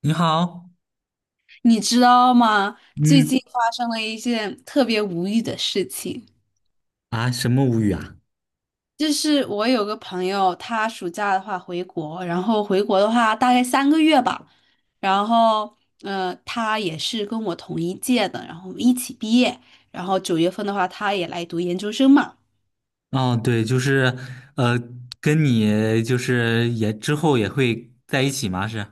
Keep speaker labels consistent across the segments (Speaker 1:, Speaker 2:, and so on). Speaker 1: 你好。
Speaker 2: 你知道吗？最
Speaker 1: 嗯。
Speaker 2: 近发生了一件特别无语的事情，
Speaker 1: 啊，什么无语啊？
Speaker 2: 就是我有个朋友，他暑假的话回国，然后回国的话大概3个月吧，然后他也是跟我同一届的，然后我们一起毕业，然后9月份的话，他也来读研究生嘛，
Speaker 1: 哦，对，就是，呃，跟你就是也之后也会在一起吗？是。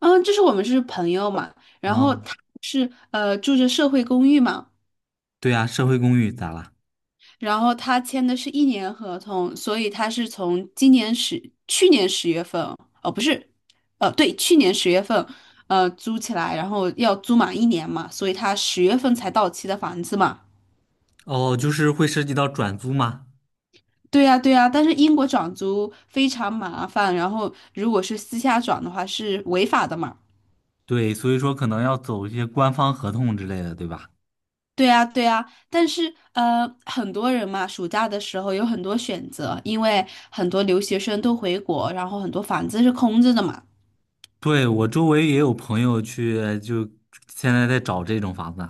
Speaker 2: 嗯，就是我们是朋友嘛，然
Speaker 1: 啊。
Speaker 2: 后他是住着社会公寓嘛。
Speaker 1: 对啊，社会公寓咋了？
Speaker 2: 然后他签的是1年合同，所以他是从今年十，去年十月份，哦，不是，对，去年十月份，租起来，然后要租满一年嘛，所以他十月份才到期的房子嘛。
Speaker 1: 哦，就是会涉及到转租吗？
Speaker 2: 对呀，对呀，但是英国转租非常麻烦，然后如果是私下转的话是违法的嘛。
Speaker 1: 对，所以说可能要走一些官方合同之类的，对吧？
Speaker 2: 对呀，对呀，但是很多人嘛，暑假的时候有很多选择，因为很多留学生都回国，然后很多房子是空着的嘛。
Speaker 1: 对，我周围也有朋友去，就现在在找这种房子。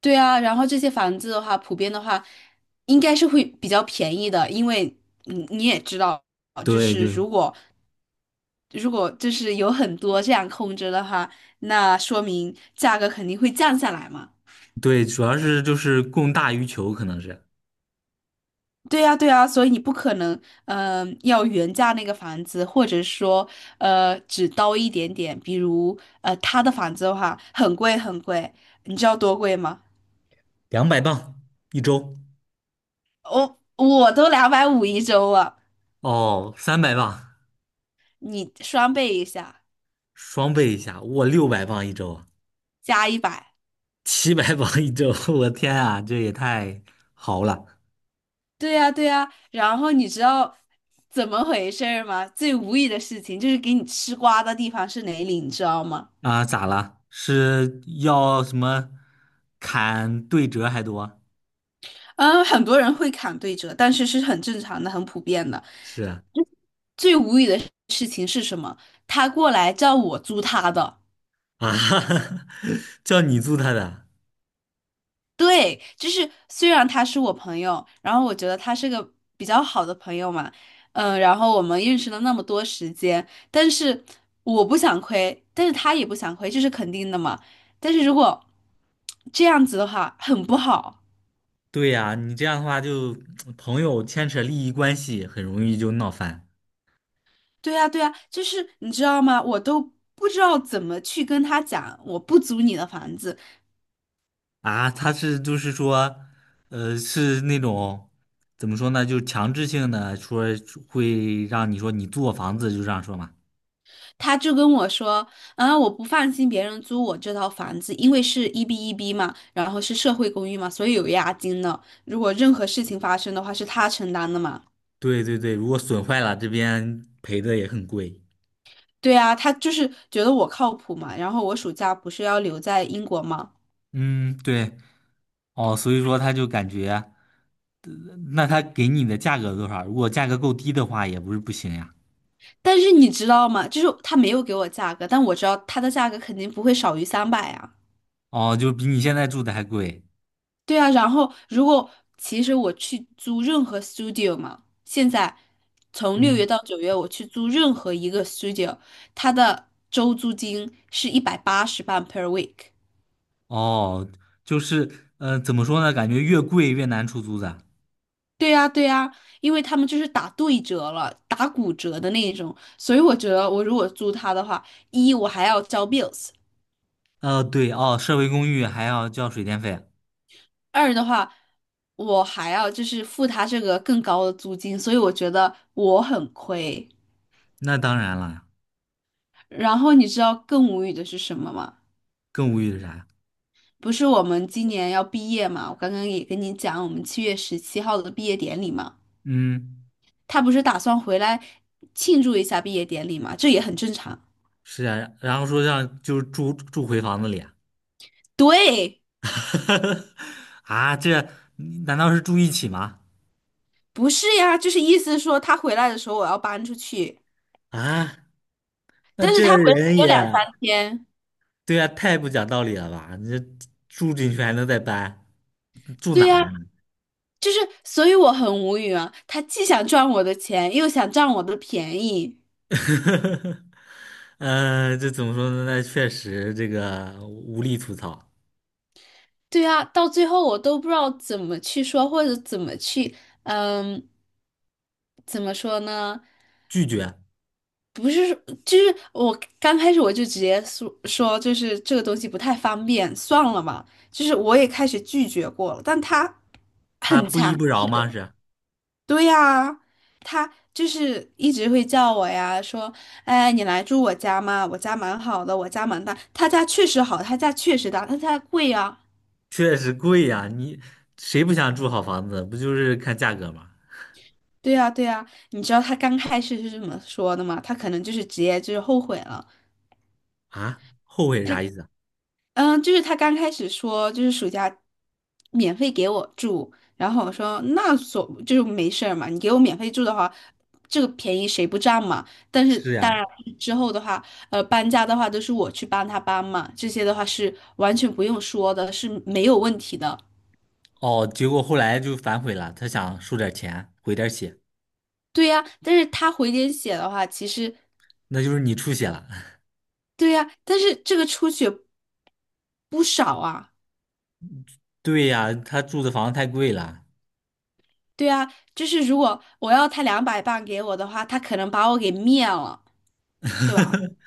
Speaker 2: 对啊，然后这些房子的话，普遍的话，应该是会比较便宜的，因为你也知道，就
Speaker 1: 对
Speaker 2: 是
Speaker 1: 对
Speaker 2: 如果就是有很多这样空着的话，那说明价格肯定会降下来嘛。
Speaker 1: 对，主要是就是供大于求，可能是
Speaker 2: 对呀，对呀，所以你不可能，要原价那个房子，或者说，只刀一点点。比如，他的房子的话，很贵很贵，你知道多贵吗？
Speaker 1: 200磅一周。
Speaker 2: 我都250一周了，
Speaker 1: 哦，300磅。
Speaker 2: 你双倍一下。
Speaker 1: 双倍一下，我600磅一周啊。
Speaker 2: 加一百。
Speaker 1: 700磅一周，我天啊，这也太豪了。
Speaker 2: 对呀，对呀。然后你知道怎么回事儿吗？最无语的事情就是给你吃瓜的地方是哪里，你知道吗？
Speaker 1: 啊！咋了？是要什么砍对折还多？
Speaker 2: 嗯，很多人会砍对折，但是是很正常的、很普遍的。
Speaker 1: 是啊。
Speaker 2: 最无语的事情是什么？他过来叫我租他的。
Speaker 1: 啊， 叫你租他的？
Speaker 2: 对，就是虽然他是我朋友，然后我觉得他是个比较好的朋友嘛，然后我们认识了那么多时间，但是我不想亏，但是他也不想亏，这是肯定的嘛。但是如果这样子的话，很不好。
Speaker 1: 对呀，你这样的话就朋友牵扯利益关系，很容易就闹翻。
Speaker 2: 对呀，对呀，就是你知道吗？我都不知道怎么去跟他讲，我不租你的房子，
Speaker 1: 啊，他是就是说，是那种怎么说呢，就强制性的说会让你说你租我房子，就这样说嘛。
Speaker 2: 他就跟我说，啊，我不放心别人租我这套房子，因为是1B1B 嘛，然后是社会公寓嘛，所以有押金的。如果任何事情发生的话，是他承担的嘛。
Speaker 1: 对对对，如果损坏了，这边赔的也很贵。
Speaker 2: 对啊，他就是觉得我靠谱嘛。然后我暑假不是要留在英国嘛，
Speaker 1: 嗯，对。哦，所以说他就感觉，呃那他给你的价格多少？如果价格够低的话，也不是不行呀。
Speaker 2: 但是你知道吗？就是他没有给我价格，但我知道他的价格肯定不会少于300啊。
Speaker 1: 哦，就比你现在住的还贵。
Speaker 2: 对啊，然后如果其实我去租任何 studio 嘛，现在从6月
Speaker 1: 嗯。
Speaker 2: 到九月，我去租任何一个 studio，它的周租金是180磅 per week。
Speaker 1: 哦，就是，呃，怎么说呢？感觉越贵越难出租的。
Speaker 2: 对呀，对呀，因为他们就是打对折了，打骨折的那一种，所以我觉得我如果租它的话，一我还要交 bills，
Speaker 1: 对。哦，社会公寓还要交水电费。
Speaker 2: 二的话我还要就是付他这个更高的租金，所以我觉得我很亏。
Speaker 1: 那当然了。
Speaker 2: 然后你知道更无语的是什么吗？
Speaker 1: 更无语的啥？
Speaker 2: 不是我们今年要毕业嘛？我刚刚也跟你讲，我们7月17号的毕业典礼嘛，
Speaker 1: 嗯。
Speaker 2: 他不是打算回来庆祝一下毕业典礼嘛？这也很正常。
Speaker 1: 是啊，然后说让就是住住回房子里。
Speaker 2: 对，
Speaker 1: 啊，这难道是住一起吗？
Speaker 2: 不是呀，就是意思说他回来的时候我要搬出去，
Speaker 1: 啊，那
Speaker 2: 但是
Speaker 1: 这
Speaker 2: 他回来
Speaker 1: 人
Speaker 2: 只有
Speaker 1: 也。
Speaker 2: 两三天。
Speaker 1: 对啊，太不讲道理了吧？你这住进去还能再搬？住哪
Speaker 2: 对
Speaker 1: 呀？
Speaker 2: 呀，就是，所以我很无语啊。他既想赚我的钱，又想占我的便宜。
Speaker 1: 这怎么说呢？那确实这个无力吐槽。
Speaker 2: 对啊，到最后我都不知道怎么去说，或者怎么去，嗯，怎么说呢？
Speaker 1: 拒绝。
Speaker 2: 就是我刚开始我就直接说，就是这个东西不太方便，算了嘛。就是我也开始拒绝过了，但他
Speaker 1: 他
Speaker 2: 很
Speaker 1: 不依
Speaker 2: 强，
Speaker 1: 不饶吗？是。
Speaker 2: 对呀、他就是一直会叫我呀，说，哎，你来住我家嘛，我家蛮好的，我家蛮大，他家确实好，他家确实大，他家贵啊。
Speaker 1: 确实贵呀，你谁不想住好房子？不就是看价格吗？
Speaker 2: 对呀，对呀，你知道他刚开始是这么说的吗？他可能就是直接就是后悔了。
Speaker 1: 啊，后悔
Speaker 2: 他
Speaker 1: 啥意思啊？
Speaker 2: 就是他刚开始说，就是暑假免费给我住，然后我说那所就是没事儿嘛，你给我免费住的话，这个便宜谁不占嘛？但是
Speaker 1: 是
Speaker 2: 当
Speaker 1: 呀。
Speaker 2: 然之后的话，搬家的话都是我去帮他搬嘛，这些的话是完全不用说的，是没有问题的。
Speaker 1: 哦，结果后来就反悔了，他想收点钱，回点血。
Speaker 2: 对呀，但是他回点血的话，其实
Speaker 1: 那就是你出血了。
Speaker 2: 对呀，但是这个出血不少啊，
Speaker 1: 对呀，他住的房子太贵了。
Speaker 2: 对呀，就是如果我要他200磅给我的话，他可能把我给灭了。对吧？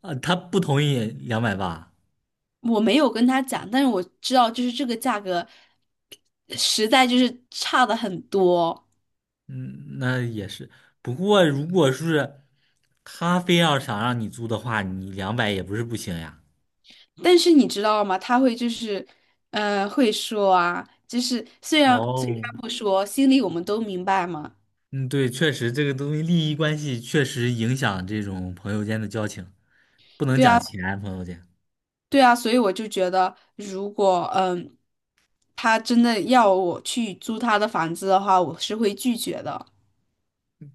Speaker 1: 啊，他不同意280。
Speaker 2: 我没有跟他讲，但是我知道就是这个价格实在就是差的很多。
Speaker 1: 嗯，那也是。不过如果是他非要想让你租的话，你两百也不是不行呀。
Speaker 2: 但是你知道吗？他会就是，会说啊，就是虽然嘴
Speaker 1: 哦。
Speaker 2: 上不说，心里我们都明白嘛。
Speaker 1: 嗯，对，确实这个东西利益关系确实影响这种朋友间的交情，不能
Speaker 2: 对
Speaker 1: 讲
Speaker 2: 啊，
Speaker 1: 钱，朋友间。
Speaker 2: 对啊，所以我就觉得，如果他真的要我去租他的房子的话，我是会拒绝的。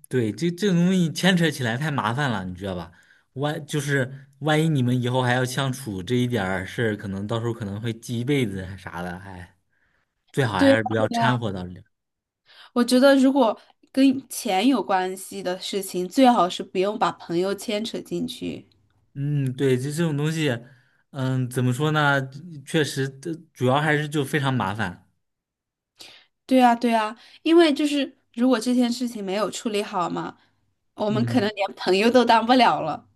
Speaker 1: 对，这这种东西牵扯起来太麻烦了，你知道吧？万就是万一你们以后还要相处，这一点儿事儿，可能到时候可能会记一辈子啊啥的。哎，最好
Speaker 2: 对
Speaker 1: 还是不
Speaker 2: 啊，
Speaker 1: 要
Speaker 2: 对啊，
Speaker 1: 掺和到里。
Speaker 2: 我觉得如果跟钱有关系的事情，最好是不用把朋友牵扯进去。
Speaker 1: 嗯，对，就这种东西。嗯，怎么说呢？确实，这主要还是就非常麻烦。
Speaker 2: 对啊，对啊，因为就是如果这件事情没有处理好嘛，我们可能
Speaker 1: 嗯。
Speaker 2: 连朋友都当不了了。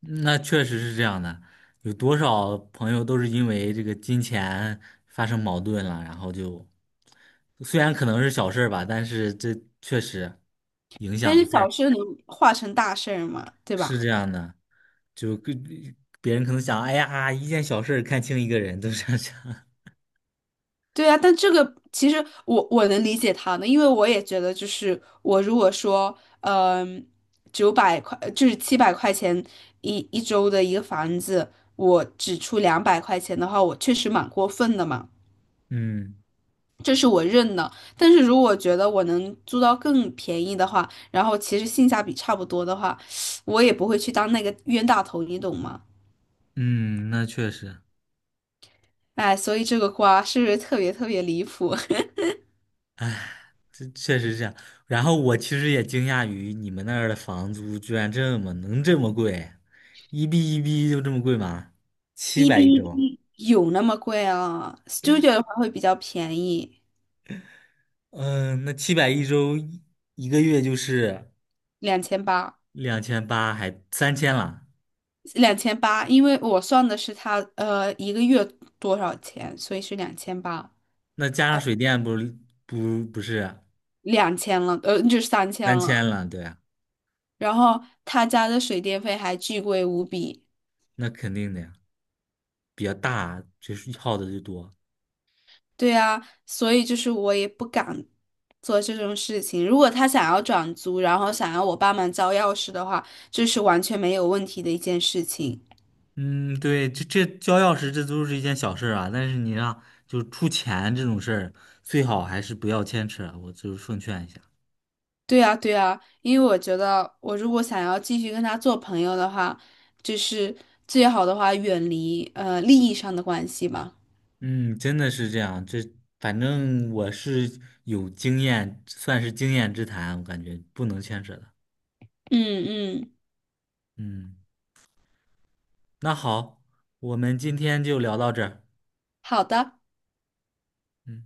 Speaker 1: 那确实是这样的，有多少朋友都是因为这个金钱发生矛盾了，然后就虽然可能是小事儿吧，但是这确实影
Speaker 2: 但是
Speaker 1: 响
Speaker 2: 小
Speaker 1: 太。
Speaker 2: 事能化成大事儿嘛，对
Speaker 1: 是
Speaker 2: 吧？
Speaker 1: 这样的，就跟别人可能想，哎呀，一件小事儿看清一个人，都是这样想。
Speaker 2: 对啊，但这个其实我能理解他的，因为我也觉得就是我如果说，900块就是700块钱一周的一个房子，我只出200块钱的话，我确实蛮过分的嘛。
Speaker 1: 嗯
Speaker 2: 这是我认的。但是如果觉得我能租到更便宜的话，然后其实性价比差不多的话，我也不会去当那个冤大头，你懂吗？
Speaker 1: 嗯，那确实。
Speaker 2: 哎，所以这个瓜是不是特别特别离谱？
Speaker 1: 哎。这确实是这样。然后我其实也惊讶于你们那儿的房租居然这么能这么贵，一币一币就这么贵吗？七
Speaker 2: 一比
Speaker 1: 百一
Speaker 2: 一
Speaker 1: 周。
Speaker 2: 比有那么贵啊？Studio 的话会比较便宜，
Speaker 1: 嗯，那七百一周一一个月就是
Speaker 2: 两千八，
Speaker 1: 2800，还三千了。
Speaker 2: 两千八，因为我算的是他一个月多少钱，所以是两千八，
Speaker 1: 那加上水电不是不是
Speaker 2: 两千了，就是3000
Speaker 1: 三
Speaker 2: 了。
Speaker 1: 千了，对啊。
Speaker 2: 然后他家的水电费还巨贵无比。
Speaker 1: 那肯定的呀，比较大，就是耗的就多。
Speaker 2: 对啊，所以就是我也不敢做这种事情。如果他想要转租，然后想要我帮忙交钥匙的话，这是完全没有问题的一件事情。
Speaker 1: 嗯，对，这这交钥匙这都是一件小事儿啊，但是你让就出钱这种事儿，最好还是不要牵扯，我就是奉劝一下。
Speaker 2: 对啊，对啊，因为我觉得我如果想要继续跟他做朋友的话，就是最好的话远离利益上的关系嘛。
Speaker 1: 嗯，真的是这样，这反正我是有经验，算是经验之谈，我感觉不能牵扯的。
Speaker 2: 嗯嗯，
Speaker 1: 嗯，那好，我们今天就聊到这儿。
Speaker 2: 好的。
Speaker 1: 嗯。